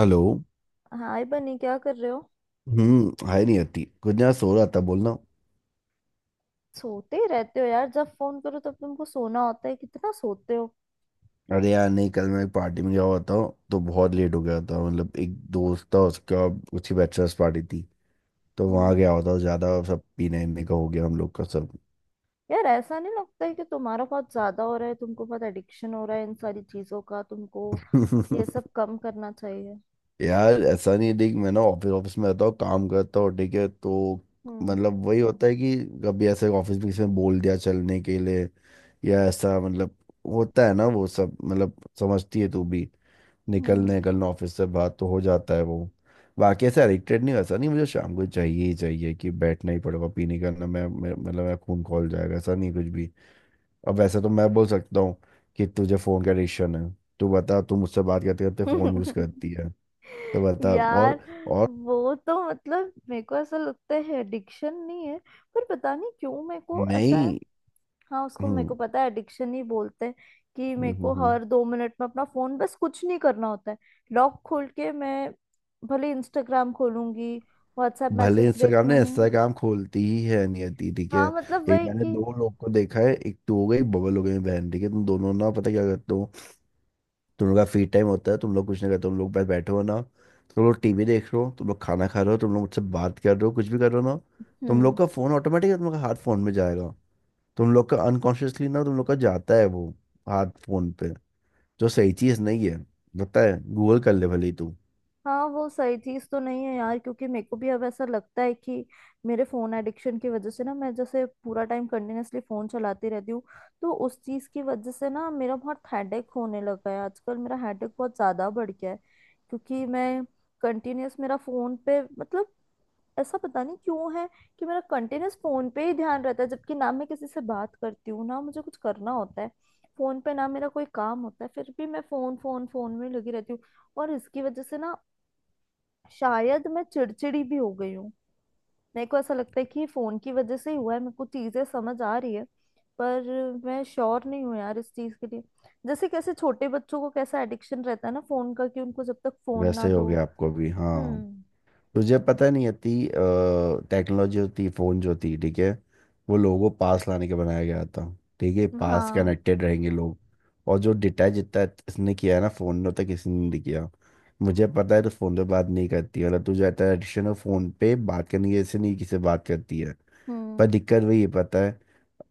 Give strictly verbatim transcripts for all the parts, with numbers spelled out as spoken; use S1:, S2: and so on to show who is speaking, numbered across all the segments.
S1: Hello.
S2: Hi Bunny, क्या कर रहे हो?
S1: हम्म हाय। नहीं आती कुछ ना, सो रहा था बोलना।
S2: सोते ही रहते हो यार। जब फोन करो तब तुमको सोना होता है। कितना सोते हो!
S1: अरे यार नहीं, कल मैं एक पार्टी में गया हुआ था। तो बहुत लेट हो गया था, मतलब एक दोस्त था उसका, उसकी बैचलर्स पार्टी थी। तो
S2: हम्म।
S1: वहाँ गया हुआ था, ज़्यादा सब पीने वीने का हो गया हम लोग का सब।
S2: यार, ऐसा नहीं लगता है कि तुम्हारा बहुत ज्यादा हो रहा है? तुमको बहुत एडिक्शन हो रहा है इन सारी चीजों का तुमको। ये सब कम करना चाहिए।
S1: यार ऐसा नहीं है, देख, मैं ना ऑफिस ऑफिस में रहता हूँ, काम करता हूँ, ठीक है तो।
S2: हम्म।
S1: मतलब वही होता है कि कभी ऐसे ऑफिस में किसी ने बोल दिया चलने के लिए या ऐसा, मतलब होता है ना वो सब, मतलब समझती है तू भी। निकलने निकलना ऑफिस से बात तो हो जाता है वो। बाकी ऐसे एडिक्टेड नहीं, वैसा नहीं मुझे शाम को चाहिए ही चाहिए कि बैठना ही पड़ेगा पीने का ना, मैं मैं- मतलब मैं खून खौल जाएगा ऐसा नहीं कुछ भी। अब वैसे तो मैं बोल सकता हूँ कि तुझे फ़ोन का एडिक्शन है। तू बता, तू मुझसे बात करते करते फ़ोन यूज़
S2: हम्म।
S1: करती है, तो बता।
S2: यार,
S1: और और
S2: वो तो मतलब मेरे को ऐसा लगता है एडिक्शन नहीं है। पर पता नहीं क्यों मेरे को ऐसा।
S1: नहीं।
S2: हाँ, उसको मेरे
S1: हम्म,
S2: को पता है एडिक्शन ही बोलते हैं कि मेरे
S1: हम्म, हम्म,
S2: को
S1: हम्म।
S2: हर दो मिनट में अपना फोन, बस कुछ नहीं करना होता है। लॉक खोल के मैं भले इंस्टाग्राम खोलूंगी, व्हाट्सएप
S1: भले
S2: मैसेज देख
S1: इंस्टाग्राम ने
S2: लूंगी।
S1: इंस्टाग्राम खोलती ही है नियति, ठीक है।
S2: हाँ, मतलब
S1: एक
S2: वही
S1: मैंने
S2: कि।
S1: दो लोग को देखा है, एक तो हो गई बबल हो गई बहन, ठीक है, तुम दोनों ना पता क्या करते हो। तुम लोग का फ्री टाइम होता है, तुम लोग कुछ नहीं करते, तुम लोग बस बैठे हो ना, तुम लोग टीवी देख रहे हो, तुम लोग खाना खा रहे हो, तुम लोग मुझसे बात कर रहे हो, कुछ भी कर रहे हो ना, तुम लोग
S2: हम्म।
S1: का फोन ऑटोमेटिक तुम लोग का हाथ फोन में जाएगा। तुम लोग का अनकॉन्शियसली ना तुम लोग का जाता है वो हाथ फोन पे, जो सही चीज नहीं है। पता है, गूगल कर ले भले ही तू।
S2: हाँ, वो सही चीज तो नहीं है यार, क्योंकि मेरे को भी अब ऐसा लगता है कि मेरे फोन एडिक्शन की वजह से ना मैं जैसे पूरा टाइम कंटिन्यूअसली फोन चलाती रहती हूँ। तो उस चीज की वजह से ना मेरा बहुत हेडेक होने लगा है आजकल। मेरा हेडेक बहुत ज्यादा बढ़ गया है क्योंकि मैं कंटिन्यूअस मेरा फोन पे, मतलब ऐसा पता नहीं क्यों है कि मेरा कंटिन्यूअस फोन पे ही ध्यान रहता है। जबकि ना मैं किसी से बात करती हूँ, ना मुझे कुछ करना होता है, फोन पे ना मेरा कोई काम होता है, फिर भी मैं फोन फोन फोन में लगी रहती हूँ। और इसकी वजह से ना शायद मैं चिड़चिड़ी भी हो गई हूँ। मेरे को ऐसा लगता है कि फोन की वजह से ही हुआ है। मेरे को चीजें समझ आ रही है। पर मैं श्योर नहीं हूँ यार इस चीज के लिए। जैसे कैसे छोटे बच्चों को कैसा एडिक्शन रहता है ना फोन का, कि उनको जब तक फोन ना
S1: वैसे हो
S2: दो।
S1: गया आपको भी, हाँ।
S2: हम्म।
S1: तुझे पता नहीं है ती, टेक्नोलॉजी होती फ़ोन जो थी, ठीक है, वो लोगों को पास लाने के बनाया गया था, ठीक है, पास
S2: हाँ।
S1: कनेक्टेड रहेंगे लोग। और जो डिटैच जितना इसने किया है ना फ़ोन ने, उतना किसी ने नहीं किया। मुझे पता है, तो फ़ोन पे बात नहीं करती, मतलब तुझे आता है एडिक्शन है फ़ोन पे बात करने की, ऐसे नहीं किसी से बात करती है। पर
S2: हम्म।
S1: दिक्कत वही है, पता है।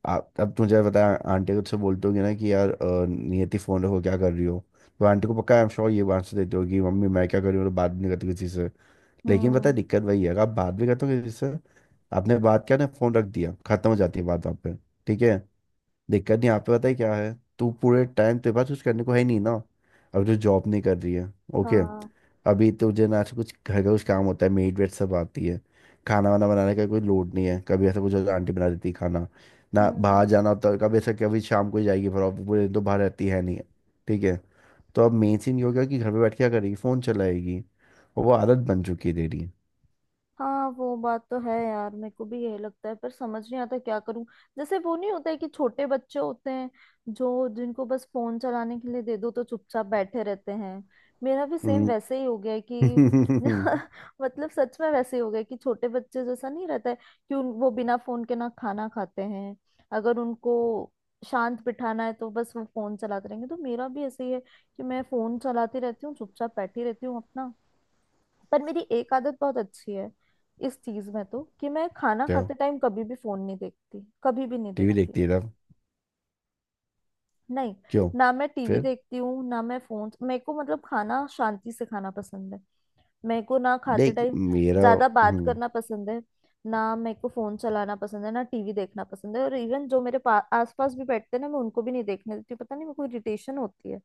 S1: आप अब तुझे पता है आंटी को तुझसे बोलते होगी ना कि यार अ, नियति फ़ोन रखो क्या कर रही हो, तो आंटी को पक्का, आई एम श्योर, ये आंसर देती होगी, मम्मी मैं क्या कर रही हूँ, तो बात भी नहीं करती किसी से। लेकिन पता है
S2: हम्म।
S1: दिक्कत वही है, आप बात भी करते हो किसी से, आपने बात किया ना फोन रख दिया, खत्म हो जाती है बात वहाँ पे, ठीक है। दिक्कत नहीं यहाँ पे, पता है क्या है, तू पूरे टाइम तेरे पास कुछ करने को है नहीं ना, अब जो जॉब नहीं कर रही है, ओके।
S2: हाँ।
S1: अभी तुझे ना ऐसे कुछ घर का कुछ काम होता है, मेड वेड सब आती है, खाना वाना बनाने का कोई लोड नहीं है, कभी ऐसा कुछ होता है, आंटी बना देती है खाना। ना
S2: हम्म।
S1: बाहर जाना होता है कभी ऐसा, कभी शाम को ही जाएगी फिर, ऑफिस पूरे दिन तो बाहर रहती है नहीं, ठीक है। तो अब मेन सीन ये हो गया कि घर पे बैठ के क्या करेगी, फ़ोन चलाएगी, और वो आदत बन चुकी है तेरी।
S2: हाँ, वो बात तो है यार, मेरे को भी यही लगता है पर समझ नहीं आता क्या करूं। जैसे वो नहीं होता है कि छोटे बच्चे होते हैं जो जिनको बस फोन चलाने के लिए दे दो तो चुपचाप बैठे रहते हैं, मेरा भी सेम
S1: हम्म।
S2: वैसे ही हो गया है कि। मतलब सच में वैसे ही हो गया है कि छोटे बच्चे जैसा नहीं रहता है कि उन, वो बिना फोन के ना खाना खाते हैं, अगर उनको शांत बिठाना है तो बस वो फोन चलाते रहेंगे। तो मेरा भी ऐसे ही है कि मैं फोन चलाती रहती हूँ, चुपचाप बैठी रहती हूँ अपना। पर मेरी एक आदत बहुत अच्छी है इस चीज में, तो कि मैं खाना
S1: क्या,
S2: खाते टाइम कभी भी फोन नहीं देखती, कभी भी नहीं
S1: टीवी
S2: देखती।
S1: देखती है तब?
S2: नहीं,
S1: क्यों?
S2: ना मैं टीवी
S1: फिर
S2: देखती हूँ ना मैं फोन, मेरे को मतलब खाना शांति से खाना पसंद है। मेरे को ना खाते
S1: देख
S2: टाइम
S1: मेरा,
S2: ज्यादा बात
S1: हम्म।
S2: करना पसंद है। ना मेरे को फोन चलाना पसंद है, ना टीवी देखना पसंद है, और इवन जो मेरे पा- आसपास भी बैठते हैं ना, मैं उनको भी नहीं देखने देती हूँ। पता नहीं मेरे को इरिटेशन होती है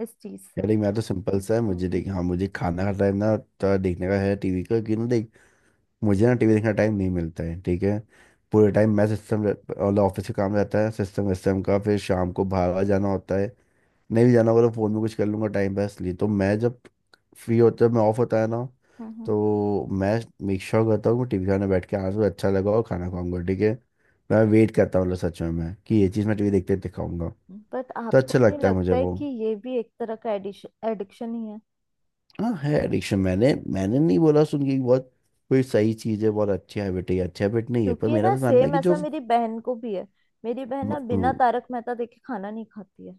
S2: इस चीज से।
S1: यार देख मैं तो सिंपल सा है, मुझे
S2: हम्म।
S1: देख, हाँ मुझे खाना का टाइम ना तो देखने का है टीवी का, क्यों ना देख। मुझे ना टीवी देखने का टाइम नहीं मिलता है, ठीक है, पूरे टाइम मैं सिस्टम और ऑफिस का काम रहता है, सिस्टम सिस्टम का, फिर शाम को बाहर वाहर जाना होता है, नहीं भी जाना होगा तो फ़ोन में कुछ कर लूंगा टाइम पास लिए, तो मैं जब फ्री होता है, मैं ऑफ होता है ना,
S2: हम्म। हम्म।
S1: तो मैं मेक श्योर करता हूँ कि टीवी खाने बैठ के आज मुझे अच्छा लगा और खाना खाऊंगा, ठीक है। मैं वेट करता हूँ, मतलब सच में मैं कि ये चीज़ मैं टीवी देखते देखते खाऊंगा,
S2: बट
S1: तो
S2: आपको
S1: अच्छा
S2: नहीं
S1: लगता है मुझे
S2: लगता है
S1: वो।
S2: कि ये भी एक तरह का एडिक्शन एडिक्शन ही?
S1: हाँ है एडिक्शन, मैंने मैंने नहीं बोला सुन के कि बहुत कोई सही चीज़ है, बहुत अच्छी हैबिट है, ये अच्छी हैबिट नहीं है, पर
S2: क्योंकि
S1: मेरा
S2: ना
S1: बस मानना है
S2: सेम
S1: कि।
S2: ऐसा मेरी बहन को भी है। मेरी बहन
S1: जो
S2: ना बिना तारक मेहता देखे खाना नहीं खाती है।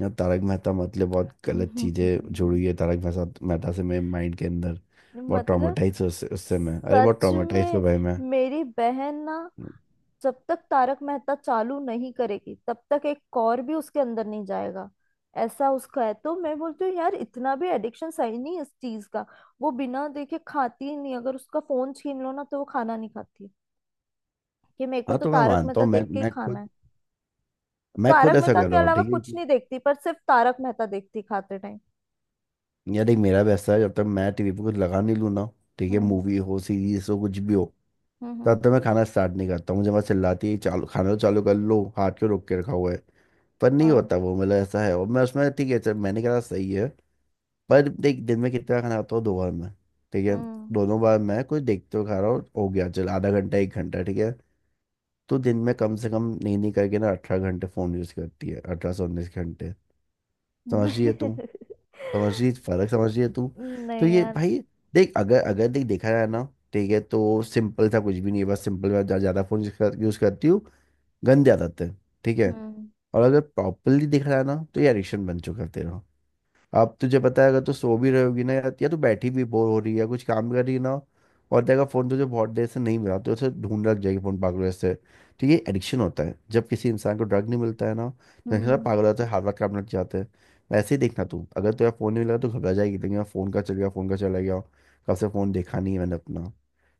S1: या तारक मेहता, मतलब बहुत गलत चीजें जुड़ी है तारक मेहता मेहता से मेरे माइंड के अंदर। बहुत
S2: मतलब
S1: ट्रॉमेटाइज उससे उससे मैं, अरे बहुत
S2: सच
S1: ट्रॉमेटाइज हो
S2: में
S1: भाई मैं।
S2: मेरी बहन ना जब तक तारक मेहता चालू नहीं करेगी तब तक एक कौर भी उसके अंदर नहीं जाएगा। ऐसा उसका है। तो मैं बोलती हूँ यार, इतना भी एडिक्शन सही नहीं है इस चीज का। वो बिना देखे खाती ही नहीं, अगर उसका फोन छीन लो ना तो वो खाना नहीं खाती कि मेरे को
S1: हाँ
S2: तो
S1: तो मैं
S2: तारक
S1: मानता
S2: मेहता
S1: हूँ, मैं
S2: देख के ही
S1: मैं
S2: खाना है।
S1: खुद, मैं खुद
S2: तारक
S1: ऐसा
S2: मेहता
S1: कर
S2: के
S1: रहा हूँ,
S2: अलावा
S1: ठीक
S2: कुछ
S1: है।
S2: नहीं देखती, पर सिर्फ तारक मेहता देखती खाते टाइम।
S1: यार देख मेरा भी ऐसा है, जब तक मैं टीवी पे कुछ लगा नहीं लूँ ना, ठीक है,
S2: हम्म।
S1: मूवी हो सीरीज हो कुछ भी हो,
S2: हम्म। हम्म।
S1: तब तक मैं खाना स्टार्ट नहीं करता, मुझे बस चिल्लाती है चालू खाना तो चालू कर लो, हाथ क्यों रोक के रखा हुआ है, पर नहीं
S2: हाँ।
S1: होता वो, मतलब ऐसा है और मैं उसमें ठीक है चल मैंने कहा सही है। पर देख दिन में कितना खाना खाता हूँ, दो बार मैं, ठीक है,
S2: हम्म।
S1: दोनों बार मैं कुछ देखते हुए खा रहा हूँ, हो गया चल आधा घंटा एक घंटा, ठीक है। तो दिन में कम से कम नहीं नहीं करके ना अठारह घंटे फ़ोन यूज़ करती है, अठारह से उन्नीस घंटे। समझ रही है तू? समझ रही फर्क, समझ रही है तू? तो
S2: नहीं
S1: ये
S2: यार।
S1: भाई, देख, अगर
S2: हम्म।
S1: अगर देख देखा जाए ना, ठीक है, तो सिंपल सा कुछ भी नहीं है, बस सिंपल मैं ज़्यादा फ़ोन यूज़ करती हूँ, गंदे आदत है, ठीक है। और अगर प्रॉपरली देखा जाए ना, तो ये एडिक्शन बन चुका है तेरा। अब तुझे पता है, अगर तू सो भी रहोगी ना, या या तू बैठी भी बोर हो रही है या कुछ काम कर रही है ना, और देखा फोन तुझे बहुत देर से नहीं मिला, तो उसे ढूंढ रख जाएगी फोन पागलों से। तो ये एडिक्शन होता है, जब किसी इंसान को ड्रग नहीं मिलता है ना, तो इंसान
S2: हम्म।
S1: पागल होता है, हर वक्त काम लग जाते हैं। वैसे ही देखना तू, अगर तुझे फोन नहीं मिला तो घबरा जाएगी, लेकिन फोन का चल गया, फोन का चला गया, कब से फोन देखा नहीं है मैंने अपना,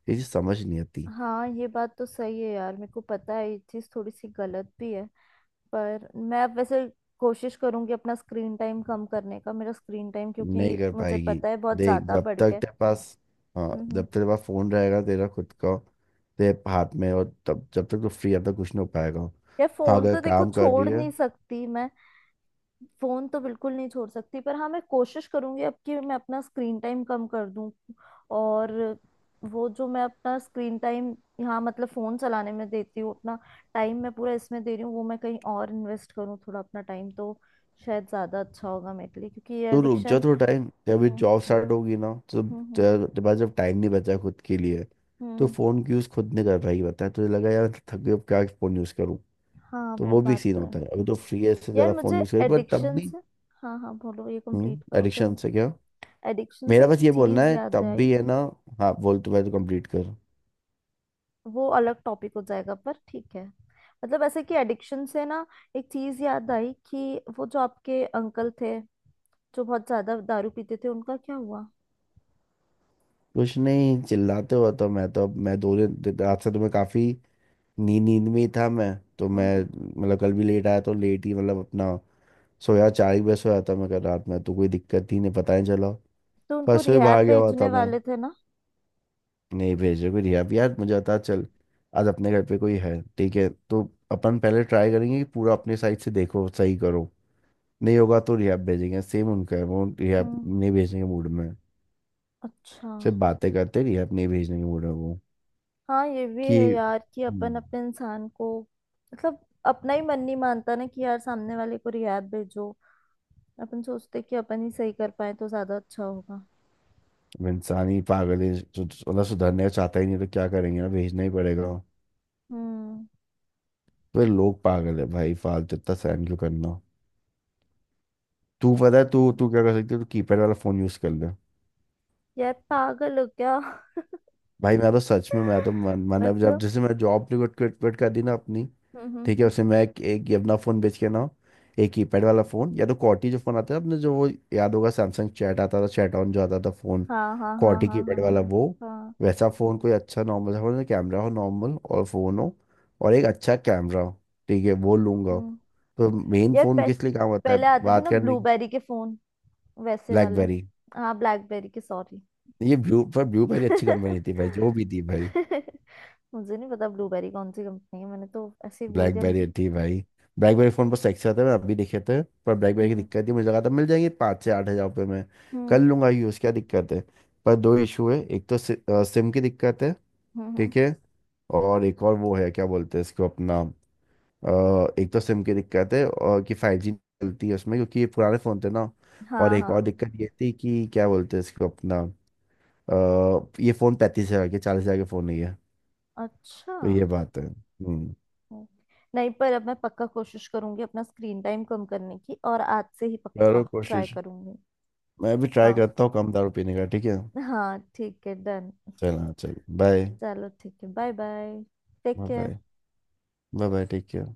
S1: ये चीज़ समझ नहीं आती।
S2: हाँ, ये बात तो सही है यार, मेरे को पता है ये चीज थोड़ी सी गलत भी है। पर मैं अब वैसे कोशिश करूंगी अपना स्क्रीन टाइम कम करने का। मेरा स्क्रीन टाइम
S1: नहीं
S2: क्योंकि
S1: कर
S2: मुझे
S1: पाएगी,
S2: पता है बहुत
S1: देख
S2: ज्यादा
S1: जब
S2: बढ़
S1: तक
S2: गया है।
S1: तेरे पास, हाँ
S2: हम्म।
S1: जब
S2: हम्म।
S1: तक तेरे पास फोन रहेगा तेरा खुद का, तेरे हाथ में, और तब जब तक तू फ्री, जब तक कुछ नहीं हो पाएगा।
S2: यार
S1: हाँ
S2: फोन
S1: अगर
S2: तो देखो
S1: काम कर
S2: छोड़
S1: रही है,
S2: नहीं सकती मैं। फोन तो बिल्कुल नहीं छोड़ सकती, पर हाँ, मैं कोशिश करूंगी अब कि मैं अपना स्क्रीन टाइम कम कर दूं। और वो जो मैं अपना स्क्रीन टाइम यहाँ मतलब फोन चलाने में देती हूँ, अपना टाइम मैं पूरा इसमें दे रही हूँ, वो मैं कहीं और इन्वेस्ट करूँ थोड़ा अपना टाइम तो शायद ज्यादा अच्छा होगा मेरे लिए, क्योंकि ये
S1: तो रुक जा
S2: एडिक्शन।
S1: थोड़ा टाइम, जब अभी
S2: हम्म।
S1: जॉब
S2: हम्म।
S1: स्टार्ट होगी ना तो
S2: हम्म।
S1: तेरे तेरे पास जब टाइम नहीं बचा खुद के लिए, तो
S2: हम्म।
S1: फोन की यूज खुद नहीं कर पाएगी, पता है तुझे लगा यार थक गई अब क्या फोन यूज करूँ,
S2: हाँ,
S1: तो
S2: वो
S1: वो भी
S2: बात
S1: सीन
S2: तो है।
S1: होता है। अभी तो फ्री है, इससे
S2: यार
S1: ज्यादा फोन
S2: मुझे
S1: यूज कर, पर तब
S2: एडिक्शन
S1: भी।
S2: से, हाँ हाँ, बोलो ये कंप्लीट
S1: हम्म,
S2: करो
S1: एडिक्शन
S2: फिर।
S1: से क्या,
S2: एडिक्शन से
S1: मेरा
S2: एक
S1: बस ये बोलना
S2: चीज
S1: है
S2: याद
S1: तब
S2: आई।
S1: भी है ना। हाँ बोल तू, मैं तो कंप्लीट कर।
S2: वो अलग टॉपिक हो जाएगा पर ठीक है। मतलब ऐसे कि एडिक्शन से ना एक चीज याद आई कि वो जो आपके अंकल थे जो बहुत ज्यादा दारू पीते थे उनका क्या हुआ?
S1: कुछ नहीं, चिल्लाते हो तो मैं, तो मैं दो दिन रात से तो मैं काफी नींद नींद में ही था मैं, तो मैं
S2: हम्म।
S1: मतलब कल भी लेट आया तो लेट ही, मतलब अपना, सोया चार ही बजे सोया था मैं कल रात में, तो कोई दिक्कत ही नहीं, पता नहीं चला।
S2: तो उनको
S1: परसों ही
S2: रिहैब
S1: बाहर गया हुआ
S2: भेजने
S1: था मैं।
S2: वाले थे ना?
S1: नहीं भेजे कोई रिहा भी, यार मुझे था चल, आज अपने घर पे कोई है, ठीक है, तो अपन पहले ट्राई करेंगे कि पूरा अपने साइड से देखो सही करो, नहीं होगा तो रिहा भेजेंगे। सेम उनका है, वो रिहा
S2: हम्म।
S1: नहीं भेजने के मूड में,
S2: अच्छा।
S1: सिर्फ बातें करते, रिहा नहीं भेजने के मूड में वो,
S2: हाँ, ये भी
S1: कि।
S2: है यार कि अपन
S1: हम्म।
S2: अपने इंसान को, मतलब अपना ही मन नहीं मानता ना कि यार सामने वाले को रिहैब भेजो। अपन सोचते कि अपन ही सही कर पाए तो ज्यादा अच्छा होगा।
S1: अब इंसान ही पागल है, सु- मतलब सुधरने चाहता ही नहीं, तो क्या करेंगे ना, भेजना ही पड़ेगा।
S2: हम्म।
S1: तो ये लोग पागल है भाई, फालतू इतना सहन क्यों करना। तू पता है तू तू क्या कर सकती है, तू कीपैड वाला फोन यूज कर ले।
S2: यार पागल हो क्या?
S1: भाई मैं तो सच में, मैं तो मन मन अब जब
S2: मतलब।
S1: जैसे मैं जॉब क्विट क्विट कर दी ना अपनी,
S2: हम्म। हम्म।
S1: ठीक है,
S2: हम्म।
S1: उसमें मैं एक, एक ये अपना फ़ोन बेच के ना, एक कीपैड वाला फ़ोन, या तो कॉर्टी जो फ़ोन आता है अपने, जो वो याद होगा सैमसंग चैट आता था, चैट ऑन जो आता था फ़ोन,
S2: हाँ, हाँ, हाँ,
S1: कॉर्टी
S2: हाँ, हाँ,
S1: कीपैड वाला
S2: हाँ,
S1: वो,
S2: हाँ।
S1: वैसा फ़ोन, कोई अच्छा नॉर्मल सा फ़ोन, कैमरा हो नॉर्मल और फ़ोन हो, और एक अच्छा कैमरा हो, ठीक है, वो लूंगा।
S2: हम्म।
S1: तो मेन
S2: यार
S1: फ़ोन
S2: पह,
S1: किस लिए काम आता
S2: पहले
S1: है,
S2: आते थे
S1: बात
S2: ना
S1: करने की।
S2: ब्लूबेरी के फोन, वैसे वाले।
S1: ब्लैकबेरी।
S2: हाँ, ब्लैकबेरी के, सॉरी।
S1: ये ब्लू, पर ब्लूबेरी अच्छी कंपनी थी भाई, जो भी थी भाई।
S2: मुझे नहीं पता ब्लूबेरी कौन सी कंपनी है, मैंने तो ऐसे ही बोल दिया। मुझे।
S1: ब्लैकबेरी थी भाई। ब्लैकबेरी फोन पर सैक्से आते हैं, मैंने अभी देखे थे, पर ब्लैकबेरी की
S2: हम्म।
S1: दिक्कत थी, मुझे लगा था मिल जाएंगे पाँच से आठ हज़ार रुपये में,
S2: हम्म।
S1: कर लूंगा यूज़, क्या दिक्कत है। पर दो इशू है, एक तो सि, अ, सिम की दिक्कत है,
S2: हम्म। हम्म।
S1: ठीक है, और एक और वो है क्या बोलते हैं इसको अपना, अ, एक तो सिम की दिक्कत है, और कि फाइव जी चलती है उसमें, क्योंकि ये पुराने फ़ोन थे ना। और
S2: हाँ,
S1: एक और
S2: हाँ।
S1: दिक्कत ये थी, कि क्या बोलते हैं इसको अपना, अ, ये फ़ोन पैंतीस हज़ार के चालीस हज़ार के फ़ोन नहीं है,
S2: अच्छा।
S1: तो ये बात है। हम्म,
S2: हम्म। नहीं, पर अब मैं पक्का कोशिश करूंगी अपना स्क्रीन टाइम कम करने की, और आज से ही पक्का
S1: करो
S2: ट्राई
S1: कोशिश,
S2: करूंगी।
S1: मैं भी ट्राई
S2: हाँ।
S1: करता हूँ कम दारू पीने का, ठीक है।
S2: हाँ, ठीक है, डन।
S1: चल हाँ चल बाय।
S2: चलो ठीक है, bye bye. Take care.
S1: Bye bye, bye, take care.